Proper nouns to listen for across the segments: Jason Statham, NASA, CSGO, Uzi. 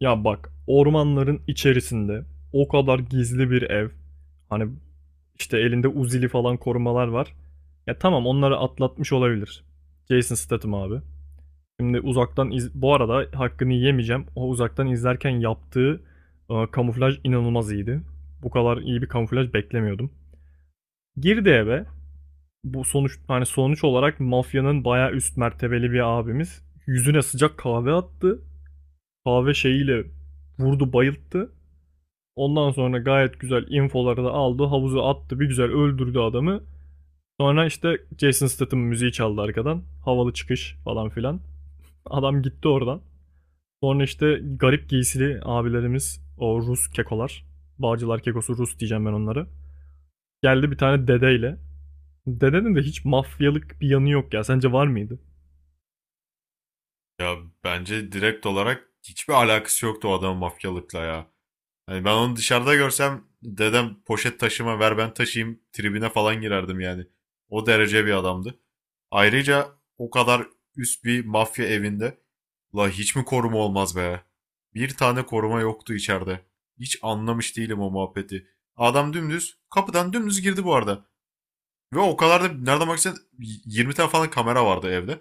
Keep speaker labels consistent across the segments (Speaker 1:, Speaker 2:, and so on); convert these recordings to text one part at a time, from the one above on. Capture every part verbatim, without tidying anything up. Speaker 1: Ya bak ormanların içerisinde o kadar gizli bir ev. Hani işte elinde Uzi'li falan korumalar var. Ya tamam onları atlatmış olabilir. Jason Statham abi. Şimdi uzaktan iz- bu arada hakkını yemeyeceğim. O uzaktan izlerken yaptığı e, kamuflaj inanılmaz iyiydi. Bu kadar iyi bir kamuflaj beklemiyordum. Girdi eve. Bu sonuç hani sonuç olarak mafyanın bayağı üst mertebeli bir abimiz yüzüne sıcak kahve attı. Kahve şeyiyle vurdu, bayılttı. Ondan sonra gayet güzel infoları da aldı. Havuzu attı. Bir güzel öldürdü adamı. Sonra işte Jason Statham müziği çaldı arkadan. Havalı çıkış falan filan. Adam gitti oradan. Sonra işte garip giysili abilerimiz, o Rus kekolar. Bağcılar kekosu Rus diyeceğim ben onları. Geldi bir tane dedeyle. Dedenin de hiç mafyalık bir yanı yok ya. Sence var mıydı?
Speaker 2: Ya bence direkt olarak hiçbir alakası yoktu o adamın mafyalıkla ya. Hani ben onu dışarıda görsem dedem poşet taşıma ver ben taşıyayım tribine falan girerdim yani. O derece bir adamdı. Ayrıca o kadar üst bir mafya evinde la hiç mi koruma olmaz be? Bir tane koruma yoktu içeride. Hiç anlamış değilim o muhabbeti. Adam dümdüz kapıdan dümdüz girdi bu arada. Ve o kadar da nereden baksan yirmi tane falan kamera vardı evde.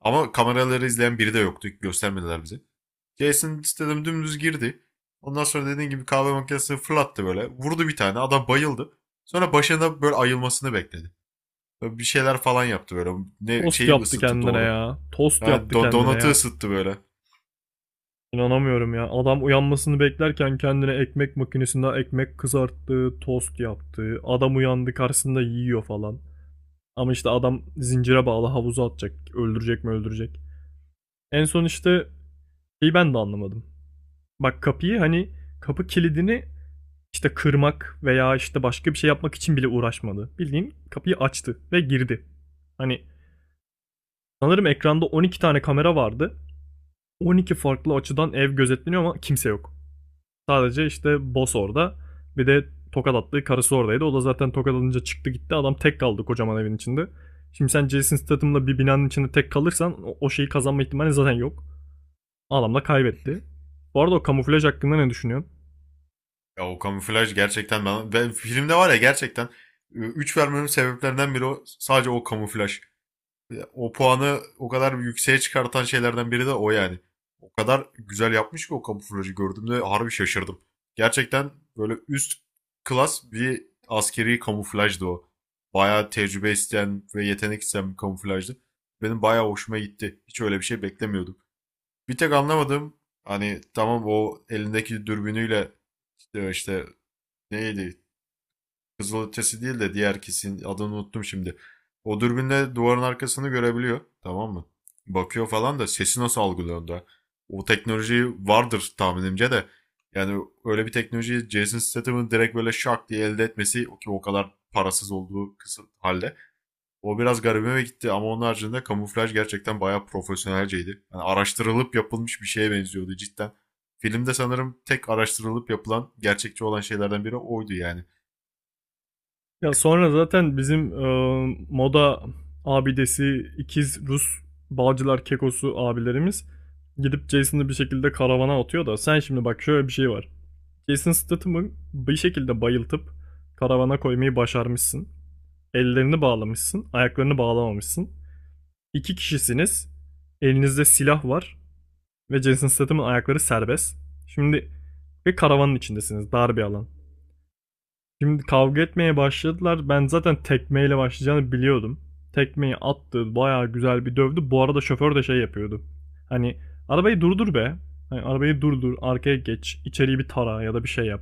Speaker 2: Ama kameraları izleyen biri de yoktu. Göstermediler bize. Jason istedim dümdüz girdi. Ondan sonra dediğin gibi kahve makinesini fırlattı böyle. Vurdu bir tane. Adam bayıldı. Sonra başında böyle ayılmasını bekledi. Böyle bir şeyler falan yaptı böyle. Ne
Speaker 1: Tost
Speaker 2: şeyi
Speaker 1: yaptı
Speaker 2: ısıttı
Speaker 1: kendine
Speaker 2: doğru.
Speaker 1: ya. Tost
Speaker 2: Yani
Speaker 1: yaptı
Speaker 2: do-
Speaker 1: kendine
Speaker 2: donatı
Speaker 1: ya.
Speaker 2: ısıttı böyle.
Speaker 1: İnanamıyorum ya. Adam uyanmasını beklerken kendine ekmek makinesinde ekmek kızarttı, tost yaptı. Adam uyandı, karşısında yiyor falan. Ama işte adam zincire bağlı, havuza atacak. Öldürecek mi öldürecek. En son işte şeyi ben de anlamadım. Bak kapıyı hani kapı kilidini işte kırmak veya işte başka bir şey yapmak için bile uğraşmadı. Bildiğin kapıyı açtı ve girdi. Hani sanırım ekranda on iki tane kamera vardı. on iki farklı açıdan ev gözetleniyor ama kimse yok. Sadece işte boss orada. Bir de tokat attığı karısı oradaydı. O da zaten tokat alınca çıktı gitti. Adam tek kaldı kocaman evin içinde. Şimdi sen Jason Statham'la bir binanın içinde tek kalırsan o- şeyi kazanma ihtimali zaten yok. Adamla kaybetti. Bu arada o kamuflaj hakkında ne düşünüyorsun?
Speaker 2: ya o kamuflaj gerçekten ben, ben filmde var ya gerçekten üç vermemin sebeplerinden biri o, sadece o kamuflaj. O puanı o kadar yükseğe çıkartan şeylerden biri de o yani. O kadar güzel yapmış ki o kamuflajı gördüğümde harbi şaşırdım. Gerçekten böyle üst klas bir askeri kamuflajdı o. Bayağı tecrübe isteyen ve yetenek isteyen bir kamuflajdı. Benim bayağı hoşuma gitti. Hiç öyle bir şey beklemiyordum. Bir tek anlamadığım hani tamam o elindeki dürbünüyle işte, işte neydi, kızılötesi değil de diğer kesin adını unuttum şimdi. O dürbünle duvarın arkasını görebiliyor. Tamam mı? Bakıyor falan da sesi nasıl algılıyor da. O teknoloji vardır tahminimce de. Yani öyle bir teknolojiyi Jason Statham'ın direkt böyle şak diye elde etmesi ki o kadar parasız olduğu kısım halde. O biraz garibime gitti ama onun haricinde kamuflaj gerçekten bayağı profesyonelceydi. Yani araştırılıp yapılmış bir şeye benziyordu cidden. Filmde sanırım tek araştırılıp yapılan, gerçekçi olan şeylerden biri oydu yani.
Speaker 1: Ya sonra zaten bizim e, moda abidesi ikiz Rus Bağcılar Kekosu abilerimiz gidip Jason'ı bir şekilde karavana atıyor da, sen şimdi bak şöyle bir şey var. Jason Statham'ı bir şekilde bayıltıp karavana koymayı başarmışsın. Ellerini bağlamışsın, ayaklarını bağlamamışsın. İki kişisiniz. Elinizde silah var ve Jason Statham'ın ayakları serbest. Şimdi, ve karavanın içindesiniz, dar bir alan. Şimdi kavga etmeye başladılar. Ben zaten tekmeyle başlayacağını biliyordum. Tekmeyi attı, bayağı güzel bir dövdü. Bu arada şoför de şey yapıyordu. Hani arabayı durdur be. Hani arabayı durdur, arkaya geç, içeriği bir tara ya da bir şey yap.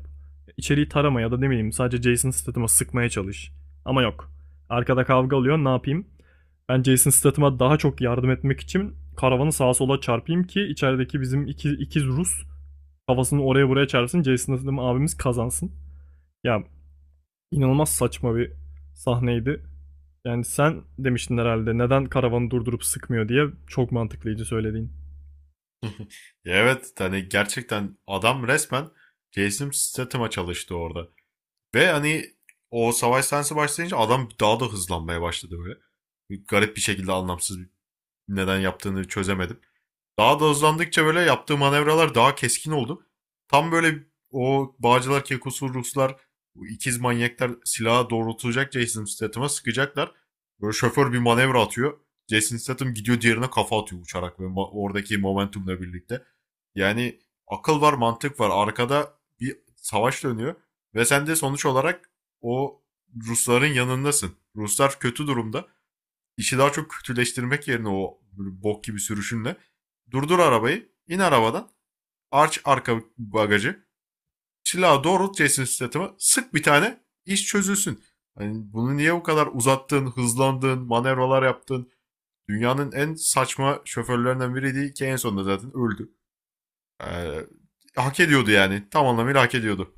Speaker 1: İçeriği tarama ya da ne bileyim, sadece Jason Statham'a sıkmaya çalış. Ama yok. Arkada kavga oluyor, ne yapayım? Ben Jason Statham'a daha çok yardım etmek için karavanı sağa sola çarpayım ki içerideki bizim iki, ikiz Rus kafasını oraya buraya çarpsın. Jason Statham abimiz kazansın. Ya, İnanılmaz saçma bir sahneydi. Yani sen demiştin herhalde neden karavanı durdurup sıkmıyor diye, çok mantıklıydı söylediğin.
Speaker 2: Ya, evet, hani gerçekten adam resmen Jason Statham'a çalıştı orada. Ve hani o savaş sahnesi başlayınca adam daha da hızlanmaya başladı böyle. Garip bir şekilde anlamsız, neden yaptığını çözemedim. Daha da hızlandıkça böyle yaptığı manevralar daha keskin oldu. Tam böyle o Bağcılar, Kekosu, Ruslar, bu ikiz manyaklar silahı doğrultulacak Jason Statham'a sıkacaklar. Böyle şoför bir manevra atıyor. Jason Statham gidiyor diğerine kafa atıyor uçarak ve oradaki momentumla birlikte. Yani akıl var, mantık var. Arkada bir savaş dönüyor ve sen de sonuç olarak o Rusların yanındasın. Ruslar kötü durumda, işi daha çok kötüleştirmek yerine o böyle bok gibi sürüşünle durdur arabayı. İn arabadan. Arç arka bagajı. Silahı doğrult Jason Statham'a. Sık bir tane. İş çözülsün. Hani bunu niye bu kadar uzattın, hızlandın, manevralar yaptın? Dünyanın en saçma şoförlerinden biriydi ki en sonunda zaten öldü. Ee, Hak ediyordu yani. Tam anlamıyla hak ediyordu.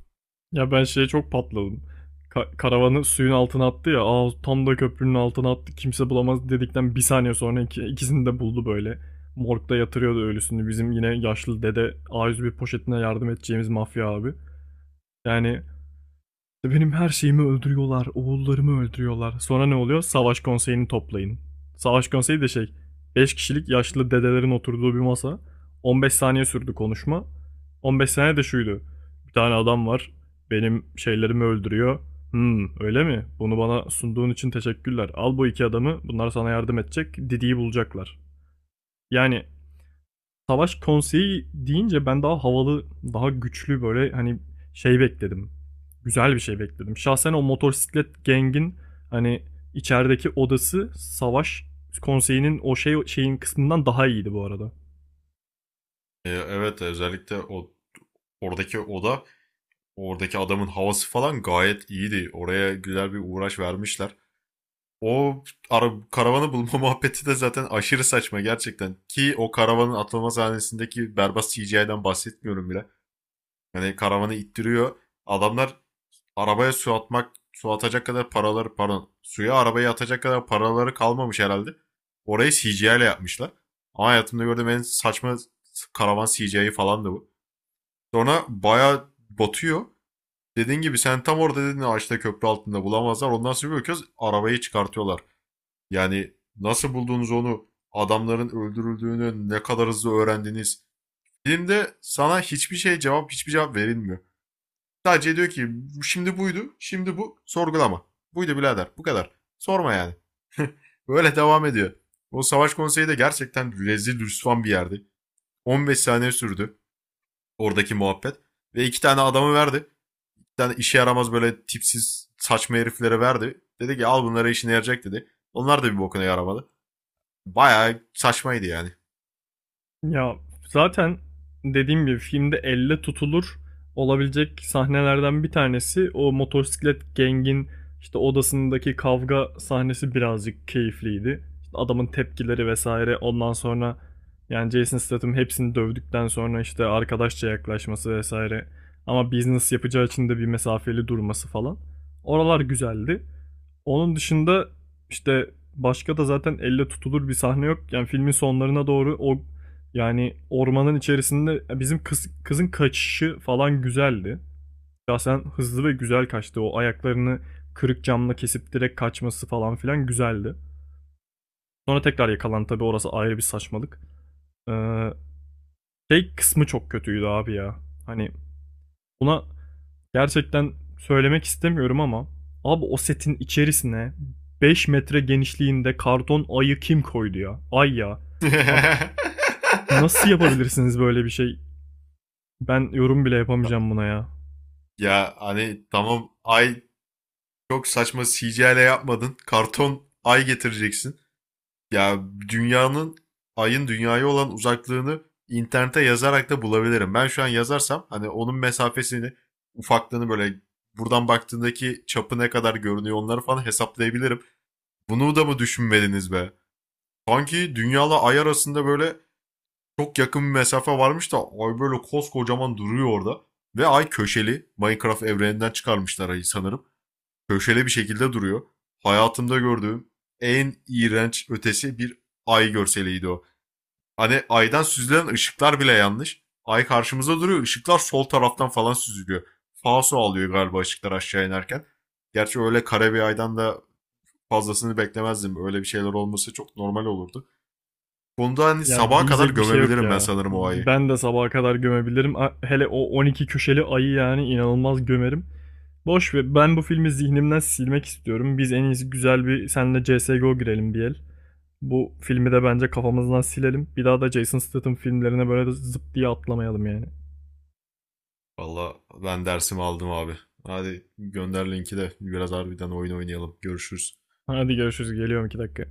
Speaker 1: Ya ben şeye çok patladım. Ka- karavanı suyun altına attı ya. Aa, tam da köprünün altına attı. Kimse bulamaz dedikten bir saniye sonra iki- ikisini de buldu böyle. Morgda yatırıyordu ölüsünü. Bizim yine yaşlı dede, a yüz bir poşetine yardım edeceğimiz mafya abi. Yani İşte benim her şeyimi öldürüyorlar, oğullarımı öldürüyorlar. Sonra ne oluyor? Savaş konseyini toplayın. Savaş konseyi de şey, beş kişilik yaşlı dedelerin oturduğu bir masa. on beş saniye sürdü konuşma. on beş saniye de şuydu. Bir tane adam var, benim şeylerimi öldürüyor. Hmm, öyle mi? Bunu bana sunduğun için teşekkürler. Al bu iki adamı, bunlar sana yardım edecek, Didi'yi bulacaklar. Yani savaş konseyi deyince ben daha havalı, daha güçlü böyle hani şey bekledim. Güzel bir şey bekledim. Şahsen o motosiklet gengin hani içerideki odası, savaş konseyinin o şey şeyin kısmından daha iyiydi bu arada.
Speaker 2: Ee, evet, özellikle o oradaki oda, oradaki adamın havası falan gayet iyiydi. Oraya güzel bir uğraş vermişler. O ara, karavanı bulma muhabbeti de zaten aşırı saçma gerçekten. Ki o karavanın atılma sahnesindeki berbat C G I'den bahsetmiyorum bile. Yani karavanı ittiriyor. Adamlar arabaya su atmak, su atacak kadar paraları, pardon, suya arabayı atacak kadar paraları kalmamış herhalde. Orayı C G I ile yapmışlar. Ama hayatımda gördüğüm en saçma karavan C G I falan da bu. Sonra bayağı batıyor. Dediğin gibi sen tam orada dedin ağaçta köprü altında bulamazlar. Ondan sonra bir bakıyoruz arabayı çıkartıyorlar. Yani nasıl buldunuz onu? Adamların öldürüldüğünü ne kadar hızlı öğrendiniz? Filmde sana hiçbir şey cevap, hiçbir cevap verilmiyor. Sadece diyor ki şimdi buydu, şimdi bu. Sorgulama. Buydu birader. Bu kadar. Sorma yani. Böyle devam ediyor. O savaş konseyi de gerçekten rezil rüsvan bir yerdi. on beş saniye sürdü oradaki muhabbet. Ve iki tane adamı verdi. Bir tane işe yaramaz böyle tipsiz saçma heriflere verdi. Dedi ki al bunlara işine yarayacak dedi. Onlar da bir bokuna yaramadı. Bayağı saçmaydı yani.
Speaker 1: Ya zaten dediğim gibi filmde elle tutulur olabilecek sahnelerden bir tanesi o motosiklet gengin işte odasındaki kavga sahnesi, birazcık keyifliydi. İşte adamın tepkileri vesaire, ondan sonra yani Jason Statham hepsini dövdükten sonra işte arkadaşça yaklaşması vesaire, ama business yapacağı için de bir mesafeli durması falan. Oralar güzeldi. Onun dışında işte başka da zaten elle tutulur bir sahne yok. Yani filmin sonlarına doğru o, yani ormanın içerisinde bizim kız, kızın kaçışı falan güzeldi. Şahsen hızlı ve güzel kaçtı. O ayaklarını kırık camla kesip direkt kaçması falan filan güzeldi. Sonra tekrar yakalan tabii, orası ayrı bir saçmalık. Ee, Şey kısmı çok kötüydü abi ya. Hani buna gerçekten söylemek istemiyorum ama abi, o setin içerisine beş metre genişliğinde karton ayı kim koydu ya? Ay ya. Abi, nasıl yapabilirsiniz böyle bir şey? Ben yorum bile yapamayacağım buna ya.
Speaker 2: Ya hani tamam ay, çok saçma C G I ile yapmadın. Karton ay getireceksin. Ya, dünyanın ayın dünyaya olan uzaklığını internete yazarak da bulabilirim. Ben şu an yazarsam hani onun mesafesini, ufaklığını, böyle buradan baktığındaki çapı ne kadar görünüyor onları falan hesaplayabilirim. Bunu da mı düşünmediniz be? Sanki dünyayla ay arasında böyle çok yakın bir mesafe varmış da ay böyle koskocaman duruyor orada. Ve ay köşeli. Minecraft evreninden çıkarmışlar ayı sanırım. Köşeli bir şekilde duruyor. Hayatımda gördüğüm en iğrenç ötesi bir ay görseliydi o. Hani aydan süzülen ışıklar bile yanlış. Ay karşımıza duruyor. Işıklar sol taraftan falan süzülüyor. Falso alıyor galiba ışıklar aşağı inerken. Gerçi öyle kare bir aydan da fazlasını beklemezdim. Öyle bir şeyler olması çok normal olurdu konuda, hani
Speaker 1: Yani
Speaker 2: sabaha kadar
Speaker 1: diyecek bir şey yok
Speaker 2: gömebilirim ben
Speaker 1: ya.
Speaker 2: sanırım o ayı.
Speaker 1: Ben de sabaha kadar gömebilirim. Hele o on iki köşeli ayı yani inanılmaz gömerim. Boş ver. Ben bu filmi zihnimden silmek istiyorum. Biz en iyisi güzel bir senle C S G O girelim bir el. Bu filmi de bence kafamızdan silelim. Bir daha da Jason Statham filmlerine böyle zıp diye atlamayalım yani.
Speaker 2: Valla ben dersimi aldım abi. Hadi gönder linki de biraz harbiden oyun oynayalım. Görüşürüz.
Speaker 1: Hadi görüşürüz. Geliyorum iki dakika.